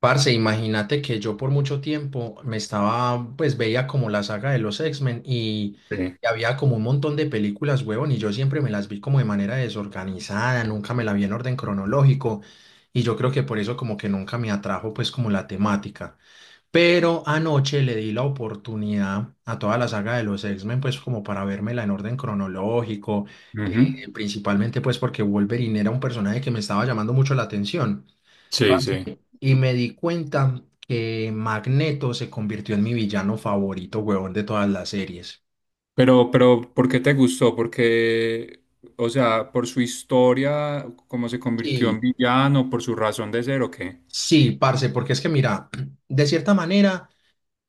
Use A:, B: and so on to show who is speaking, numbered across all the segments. A: Parce, imagínate que yo por mucho tiempo me estaba, pues veía como la saga de los X-Men
B: Sí,
A: y había como un montón de películas, huevón, y yo siempre me las vi como de manera desorganizada, nunca me la vi en orden cronológico y yo creo que por eso como que nunca me atrajo pues como la temática. Pero anoche le di la oportunidad a toda la saga de los X-Men, pues como para vérmela en orden cronológico,
B: ujú,
A: principalmente pues porque Wolverine era un personaje que me estaba llamando mucho la atención
B: sí,
A: parce.
B: sí.
A: Y me di cuenta que Magneto se convirtió en mi villano favorito, huevón, de todas las series.
B: Pero, ¿por qué te gustó? Porque, o sea, por su historia, cómo se convirtió
A: Sí,
B: en villano, por su razón de ser, ¿o qué?
A: sí, parce, porque es que mira, de cierta manera,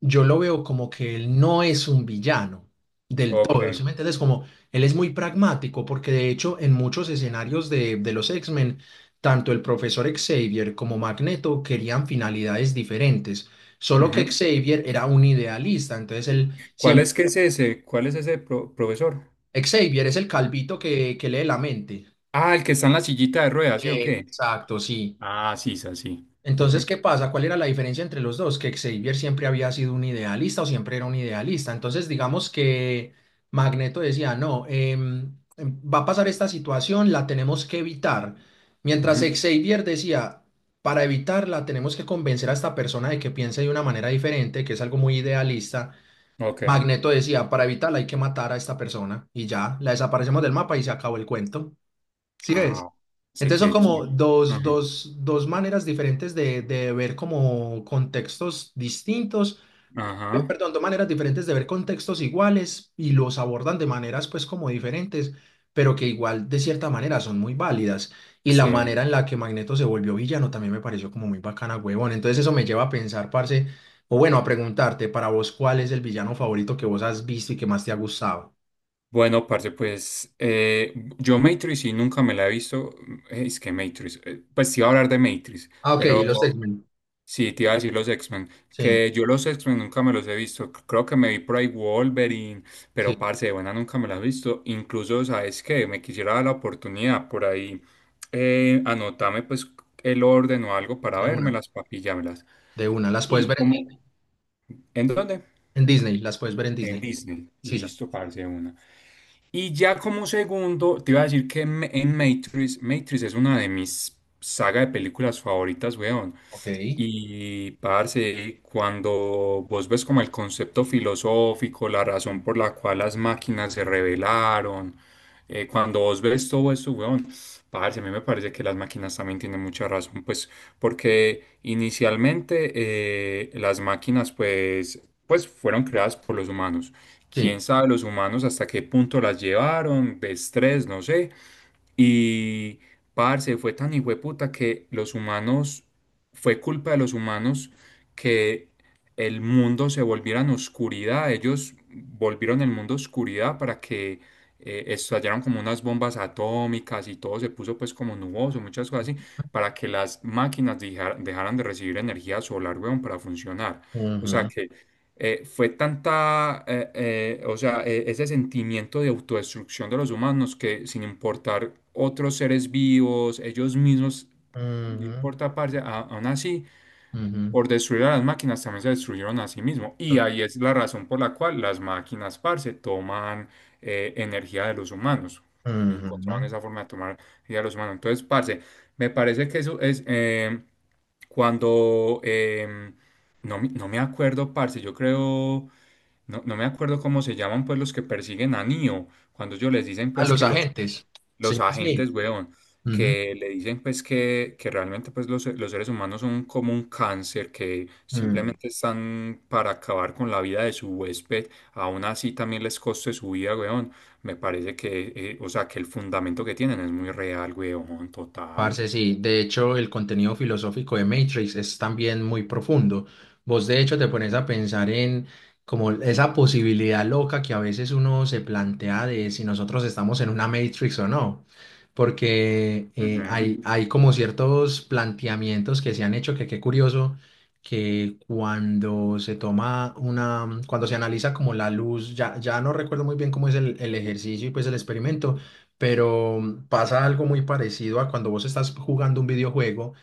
A: yo lo veo como que él no es un villano del
B: Ok,
A: todo, ¿sí me entiendes? Como él es muy pragmático, porque de hecho en muchos escenarios de los X-Men, tanto el profesor Xavier como Magneto querían finalidades diferentes, solo que
B: ujú.
A: Xavier era un idealista, entonces él
B: ¿Cuál
A: siempre.
B: es que es ese? ¿Cuál es ese profesor?
A: Xavier es el calvito que lee la mente.
B: Ah, el que está en la sillita de ruedas, ¿sí o qué?
A: Exacto, sí.
B: Ah, sí, sí, sí.
A: Entonces, ¿qué pasa? ¿Cuál era la diferencia entre los dos? Que Xavier siempre había sido un idealista o siempre era un idealista. Entonces, digamos que Magneto decía, no, va a pasar esta situación, la tenemos que evitar.
B: Ujú,
A: Mientras
B: ujú.
A: Xavier decía, para evitarla tenemos que convencer a esta persona de que piense de una manera diferente, que es algo muy idealista.
B: Ok.
A: Magneto decía, para evitarla hay que matar a esta persona y ya, la desaparecemos del mapa y se acabó el cuento. Sí ves.
B: Ah, sí,
A: Entonces son
B: qué
A: como
B: chido.
A: dos,
B: Ajá,
A: dos, dos maneras diferentes de ver como contextos distintos,
B: ajá.
A: perdón, dos maneras diferentes de ver contextos iguales y los abordan de maneras pues como diferentes, pero que igual de cierta manera son muy válidas. Y la
B: Sí.
A: manera en la que Magneto se volvió villano también me pareció como muy bacana, huevón. Entonces eso me lleva a pensar, parce, o bueno, a preguntarte para vos cuál es el villano favorito que vos has visto y que más te ha gustado.
B: Bueno, parce, pues yo Matrix sí nunca me la he visto. Es que Matrix, pues te iba a hablar de Matrix,
A: Ah, ok,
B: pero
A: y los X-Men.
B: sí te iba a decir los X-Men.
A: Sí,
B: Que yo los X-Men nunca me los he visto. Creo que me vi por ahí Wolverine, pero
A: sí,
B: parce, de buena nunca me la he visto. Incluso, ¿sabes qué? Me quisiera dar la oportunidad por ahí. Anotame pues el orden o algo para
A: de una.
B: vérmelas, papillármelas.
A: De una. Las puedes
B: ¿Y
A: ver
B: cómo? ¿En dónde?
A: en Disney, las puedes ver en
B: En
A: Disney.
B: Disney.
A: Sisas.
B: Listo, parce, de una. Y ya como segundo, te iba a decir que en Matrix, Matrix es una de mis saga de películas favoritas, weón.
A: Ok.
B: Y, parce, cuando vos ves como el concepto filosófico, la razón por la cual las máquinas se rebelaron, cuando vos ves todo eso, weón, parce, a mí me parece que las máquinas también tienen mucha razón, pues, porque inicialmente las máquinas, pues, fueron creadas por los humanos.
A: Sí.
B: Quién sabe los humanos hasta qué punto las llevaron, de estrés, no sé. Y, parce, fue tan hijueputa que los humanos, fue culpa de los humanos que el mundo se volviera en oscuridad. Ellos volvieron el mundo oscuridad para que estallaron como unas bombas atómicas y todo se puso pues como nuboso, muchas cosas así, para que las máquinas dejaran de recibir energía solar, weón, para funcionar. O sea
A: Ujú,
B: que fue tanta, o sea, ese sentimiento de autodestrucción de los humanos que sin importar otros seres vivos, ellos mismos no
A: ujú,
B: importa, parce, aún así,
A: ujú,
B: por destruir a las máquinas también se destruyeron a sí mismos. Y
A: to-
B: ahí es la razón por la cual las máquinas, parce, toman energía de los humanos.
A: ujú.
B: Encontraron esa forma de tomar energía de los humanos. Entonces, parce, me parece que eso es cuando. No, no me acuerdo, parce, yo creo. No, no me acuerdo cómo se llaman, pues, los que persiguen a Neo. Cuando ellos les dicen,
A: A
B: pues,
A: los
B: que
A: agentes,
B: los
A: señor Smith.
B: agentes, weón,
A: Ujú.
B: que le dicen pues que realmente pues los seres humanos son como un cáncer, que
A: Ujú.
B: simplemente están para acabar con la vida de su huésped, aún así también les coste su vida, weón. Me parece que, o sea, que el fundamento que tienen es muy real, weón, total.
A: Parce, sí, de hecho el contenido filosófico de Matrix es también muy profundo. Vos de hecho te pones a pensar en como esa posibilidad loca que a veces uno se plantea de si nosotros estamos en una Matrix o no, porque
B: Ujú,
A: hay como ciertos planteamientos que se han hecho que qué curioso que cuando se toma una, cuando se analiza como la luz, ya no recuerdo muy bien cómo es el ejercicio y pues el experimento pero pasa algo muy parecido a cuando vos estás jugando un videojuego,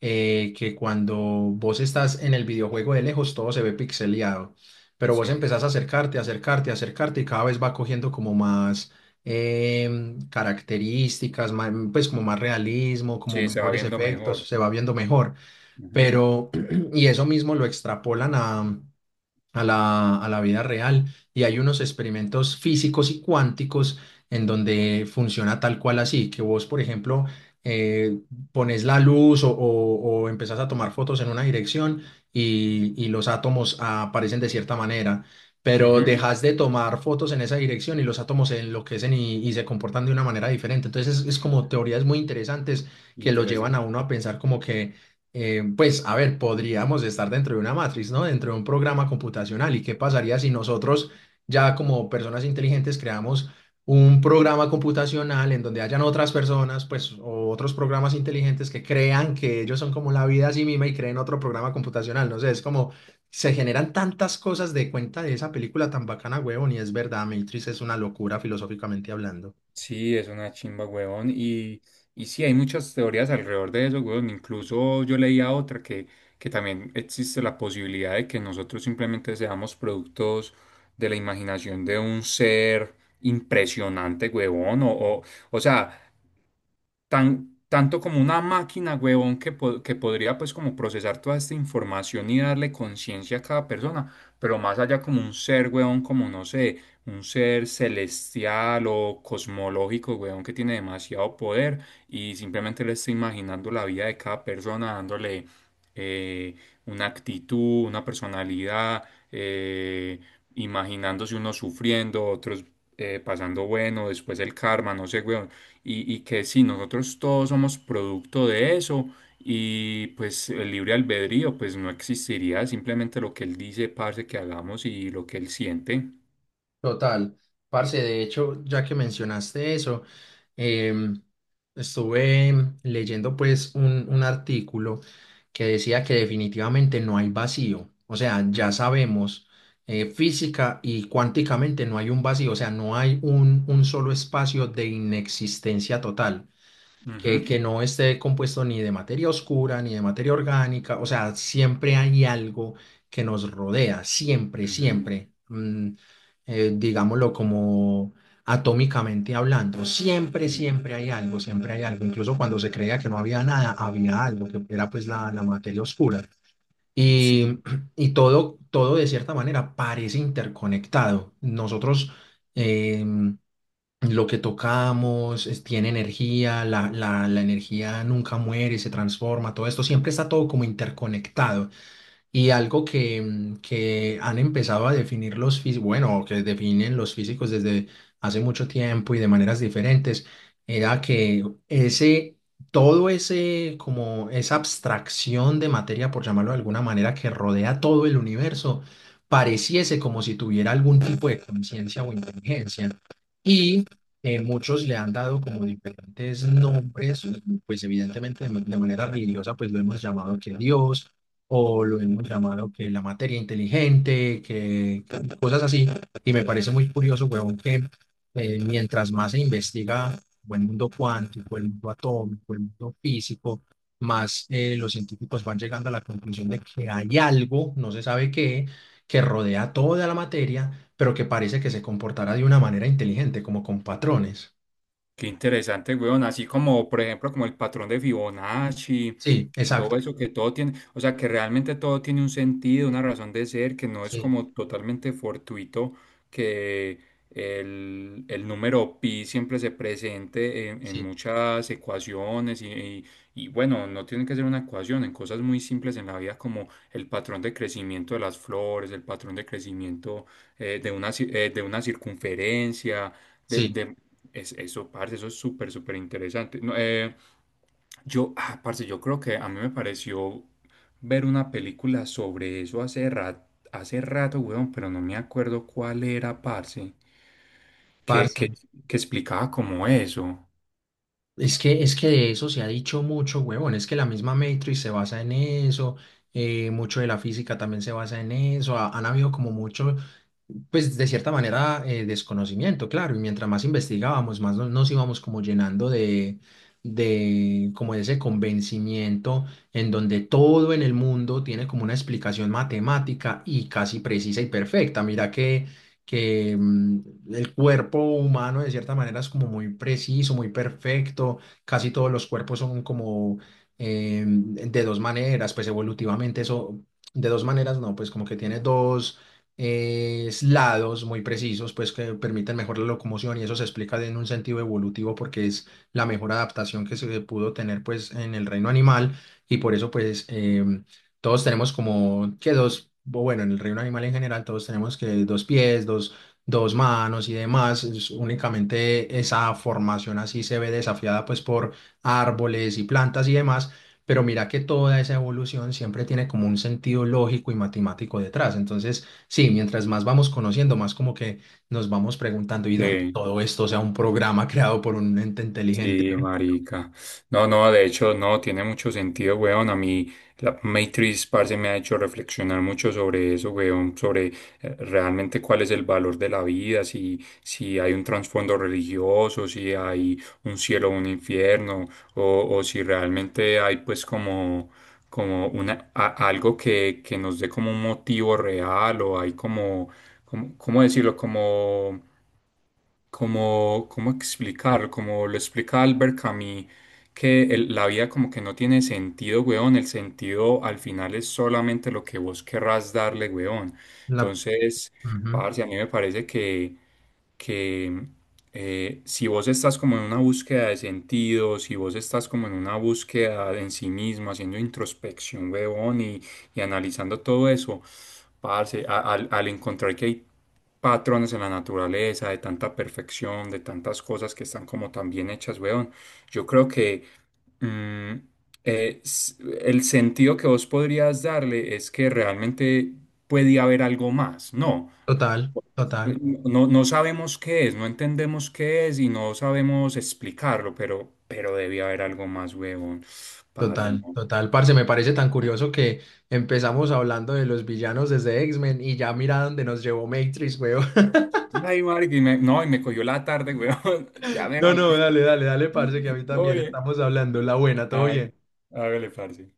A: que cuando vos estás en el videojuego de lejos todo se ve pixeleado, pero vos
B: sí,
A: empezás a acercarte, acercarte, acercarte y cada vez va cogiendo como más características, pues como más realismo, como
B: sí, se va
A: mejores
B: viendo
A: efectos,
B: mejor.
A: se va viendo mejor, pero y eso mismo lo extrapolan a a la vida real y hay unos experimentos físicos y cuánticos en donde funciona tal cual así, que vos, por ejemplo, eh, pones la luz o empezás a tomar fotos en una dirección y los átomos aparecen de cierta manera.
B: Ujú,
A: Pero
B: ujú,
A: dejas de tomar fotos en esa dirección y los átomos se enloquecen y se comportan de una manera diferente. Entonces es como teorías muy interesantes que lo llevan a
B: interesante.
A: uno a pensar como que pues, a ver, podríamos estar dentro de una matriz, ¿no? Dentro de un programa computacional. ¿Y qué pasaría si nosotros, ya como personas inteligentes, creamos un programa computacional en donde hayan otras personas, pues, o otros programas inteligentes que crean que ellos son como la vida a sí misma y creen otro programa computacional? No sé, es como se generan tantas cosas de cuenta de esa película tan bacana, huevón, y es verdad, Matrix es una locura filosóficamente hablando.
B: Sí, es una chimba, huevón. Y sí, hay muchas teorías alrededor de eso, huevón. Incluso yo leía otra que también existe la posibilidad de que nosotros simplemente seamos productos de la imaginación de un ser impresionante, huevón. O sea, tan, tanto como una máquina, huevón, que, que podría pues como procesar toda esta información y darle conciencia a cada persona, pero más allá como un ser, huevón, como no sé, un ser celestial o cosmológico, huevón, que tiene demasiado poder y simplemente le está imaginando la vida de cada persona, dándole eh, una actitud, una personalidad, eh, imaginándose unos sufriendo, otros... pasando bueno, después el karma, no sé, huevón y que si nosotros todos somos producto de eso y pues el libre albedrío pues no existiría, simplemente lo que él dice, parce, que hagamos y lo que él siente.
A: Total, parce, de hecho, ya que mencionaste eso, em, estuve leyendo pues un artículo que decía que definitivamente no hay vacío, o sea,
B: Ujú.
A: ya sabemos física y cuánticamente no hay un vacío, o sea, no hay un solo espacio de inexistencia total
B: Ujú,
A: que no esté compuesto ni de materia oscura, ni de materia orgánica, o sea, siempre hay algo que nos rodea, siempre,
B: ujú,
A: siempre, digámoslo como atómicamente hablando, siempre,
B: sí.
A: siempre hay algo, incluso cuando se creía que no había nada, había algo, que era pues la materia oscura.
B: Sí.
A: Y, y todo de cierta manera parece interconectado. Nosotros, em, lo que tocamos es- tiene energía, la energía nunca muere, se transforma, todo esto siempre está todo como interconectado. Y algo que, que han empezado a definir los físicos, bueno, que definen los físicos desde hace mucho tiempo y de maneras diferentes, era que ese todo ese, como esa abstracción de materia, por llamarlo de alguna manera, que rodea todo el universo, pareciese como si tuviera algún tipo de conciencia o inteligencia. Y muchos le han dado como diferentes nombres, pues evidentemente de, ma- de manera religiosa, pues lo hemos llamado que Dios, o lo hemos llamado que la materia inteligente, que cosas así. Y me parece muy curioso, huevón, que mientras más se investiga o el mundo cuántico, el mundo atómico, el mundo físico, más los científicos van llegando a la conclusión de que hay algo, no se sabe qué, que rodea toda la materia, pero que parece que se comportará de una manera inteligente, como con patrones.
B: Qué interesante, weón. Así como, por ejemplo, como el patrón de Fibonacci
A: Sí,
B: y todo
A: exacto.
B: eso, que todo tiene, o sea, que realmente todo tiene un sentido, una razón de ser, que no es
A: Sí,
B: como totalmente fortuito, que el número pi siempre se presente en
A: sí,
B: muchas ecuaciones y bueno, no tiene que ser una ecuación, en cosas muy simples en la vida como el patrón de crecimiento de las flores, el patrón de crecimiento de una circunferencia
A: sí,
B: de es, eso, parce, eso es súper, súper interesante. No, yo, ah, parce, yo creo que a mí me pareció ver una película sobre eso hace rato, weón, pero no me acuerdo cuál era, parce, que,
A: parce.
B: que, que explicaba como eso.
A: Es que de eso se ha dicho mucho, huevón. Es que la misma Matrix se basa en eso, mucho de la física también se basa en eso. Ha- han habido como mucho, pues de cierta manera, desconocimiento, claro. Y mientras más investigábamos, más no- nos íbamos como llenando como de ese convencimiento en donde todo en el mundo tiene como una explicación matemática y casi precisa y perfecta. Mira que que mm, el cuerpo humano de cierta manera es como muy preciso, muy perfecto, casi todos los cuerpos son como de dos maneras, pues evolutivamente eso, de dos maneras no, pues como que tiene dos lados muy precisos, pues que permiten mejor la locomoción y eso se explica en un sentido evolutivo porque es la mejor adaptación que se pudo tener pues en el reino animal y por eso pues... todos tenemos como que dos, o bueno, en el reino animal en general, todos tenemos que dos pies, dos manos y demás. Es únicamente esa formación así se ve desafiada pues por árboles y plantas y demás. Pero mira que toda esa evolución siempre tiene como un sentido lógico y matemático detrás. Entonces, sí, mientras más vamos conociendo, más como que nos vamos preguntando y donde
B: Sí.
A: todo esto sea un programa creado por un ente inteligente,
B: Sí,
A: ¿no?
B: marica. No, no, de hecho, no, tiene mucho sentido, weón. A mí, la Matrix, parce, me ha hecho reflexionar mucho sobre eso, weón, sobre realmente cuál es el valor de la vida, si, si hay un trasfondo religioso, si hay un cielo o un infierno, o si realmente hay, pues, como, como una, algo que nos dé como un motivo real, o hay como, como, ¿cómo decirlo? Como como, ¿cómo explicarlo? Como lo explica Albert Camus, que la vida como que no tiene sentido, weón. El sentido al final es solamente lo que vos querrás darle, weón.
A: La-
B: Entonces,
A: Ujú.
B: parce, a mí me parece que si vos estás como en una búsqueda de sentido, si vos estás como en una búsqueda de en sí mismo, haciendo introspección, weón, y analizando todo eso, parce, al encontrar que hay patrones en la naturaleza, de tanta perfección, de tantas cosas que están como tan bien hechas, weón. Yo creo que mm, eh, s- el sentido que vos podrías darle es que realmente puede haber algo más, ¿no?
A: Total,
B: Eh,
A: total.
B: No, no sabemos qué es, no entendemos qué es y no sabemos explicarlo, pero debía haber algo más, weón. Parce,
A: Total,
B: no.
A: total, parce, me parece tan curioso que empezamos hablando de los villanos desde X-Men y ya mira dónde nos llevó Matrix, weón.
B: Ay, marica, no, y me cogió la tarde, weón. Ya me
A: No,
B: voy.
A: no, dale, dale, dale, parce, que a mí también
B: Oye,
A: estamos hablando. La buena, todo
B: ah,
A: bien.
B: hágale, parce.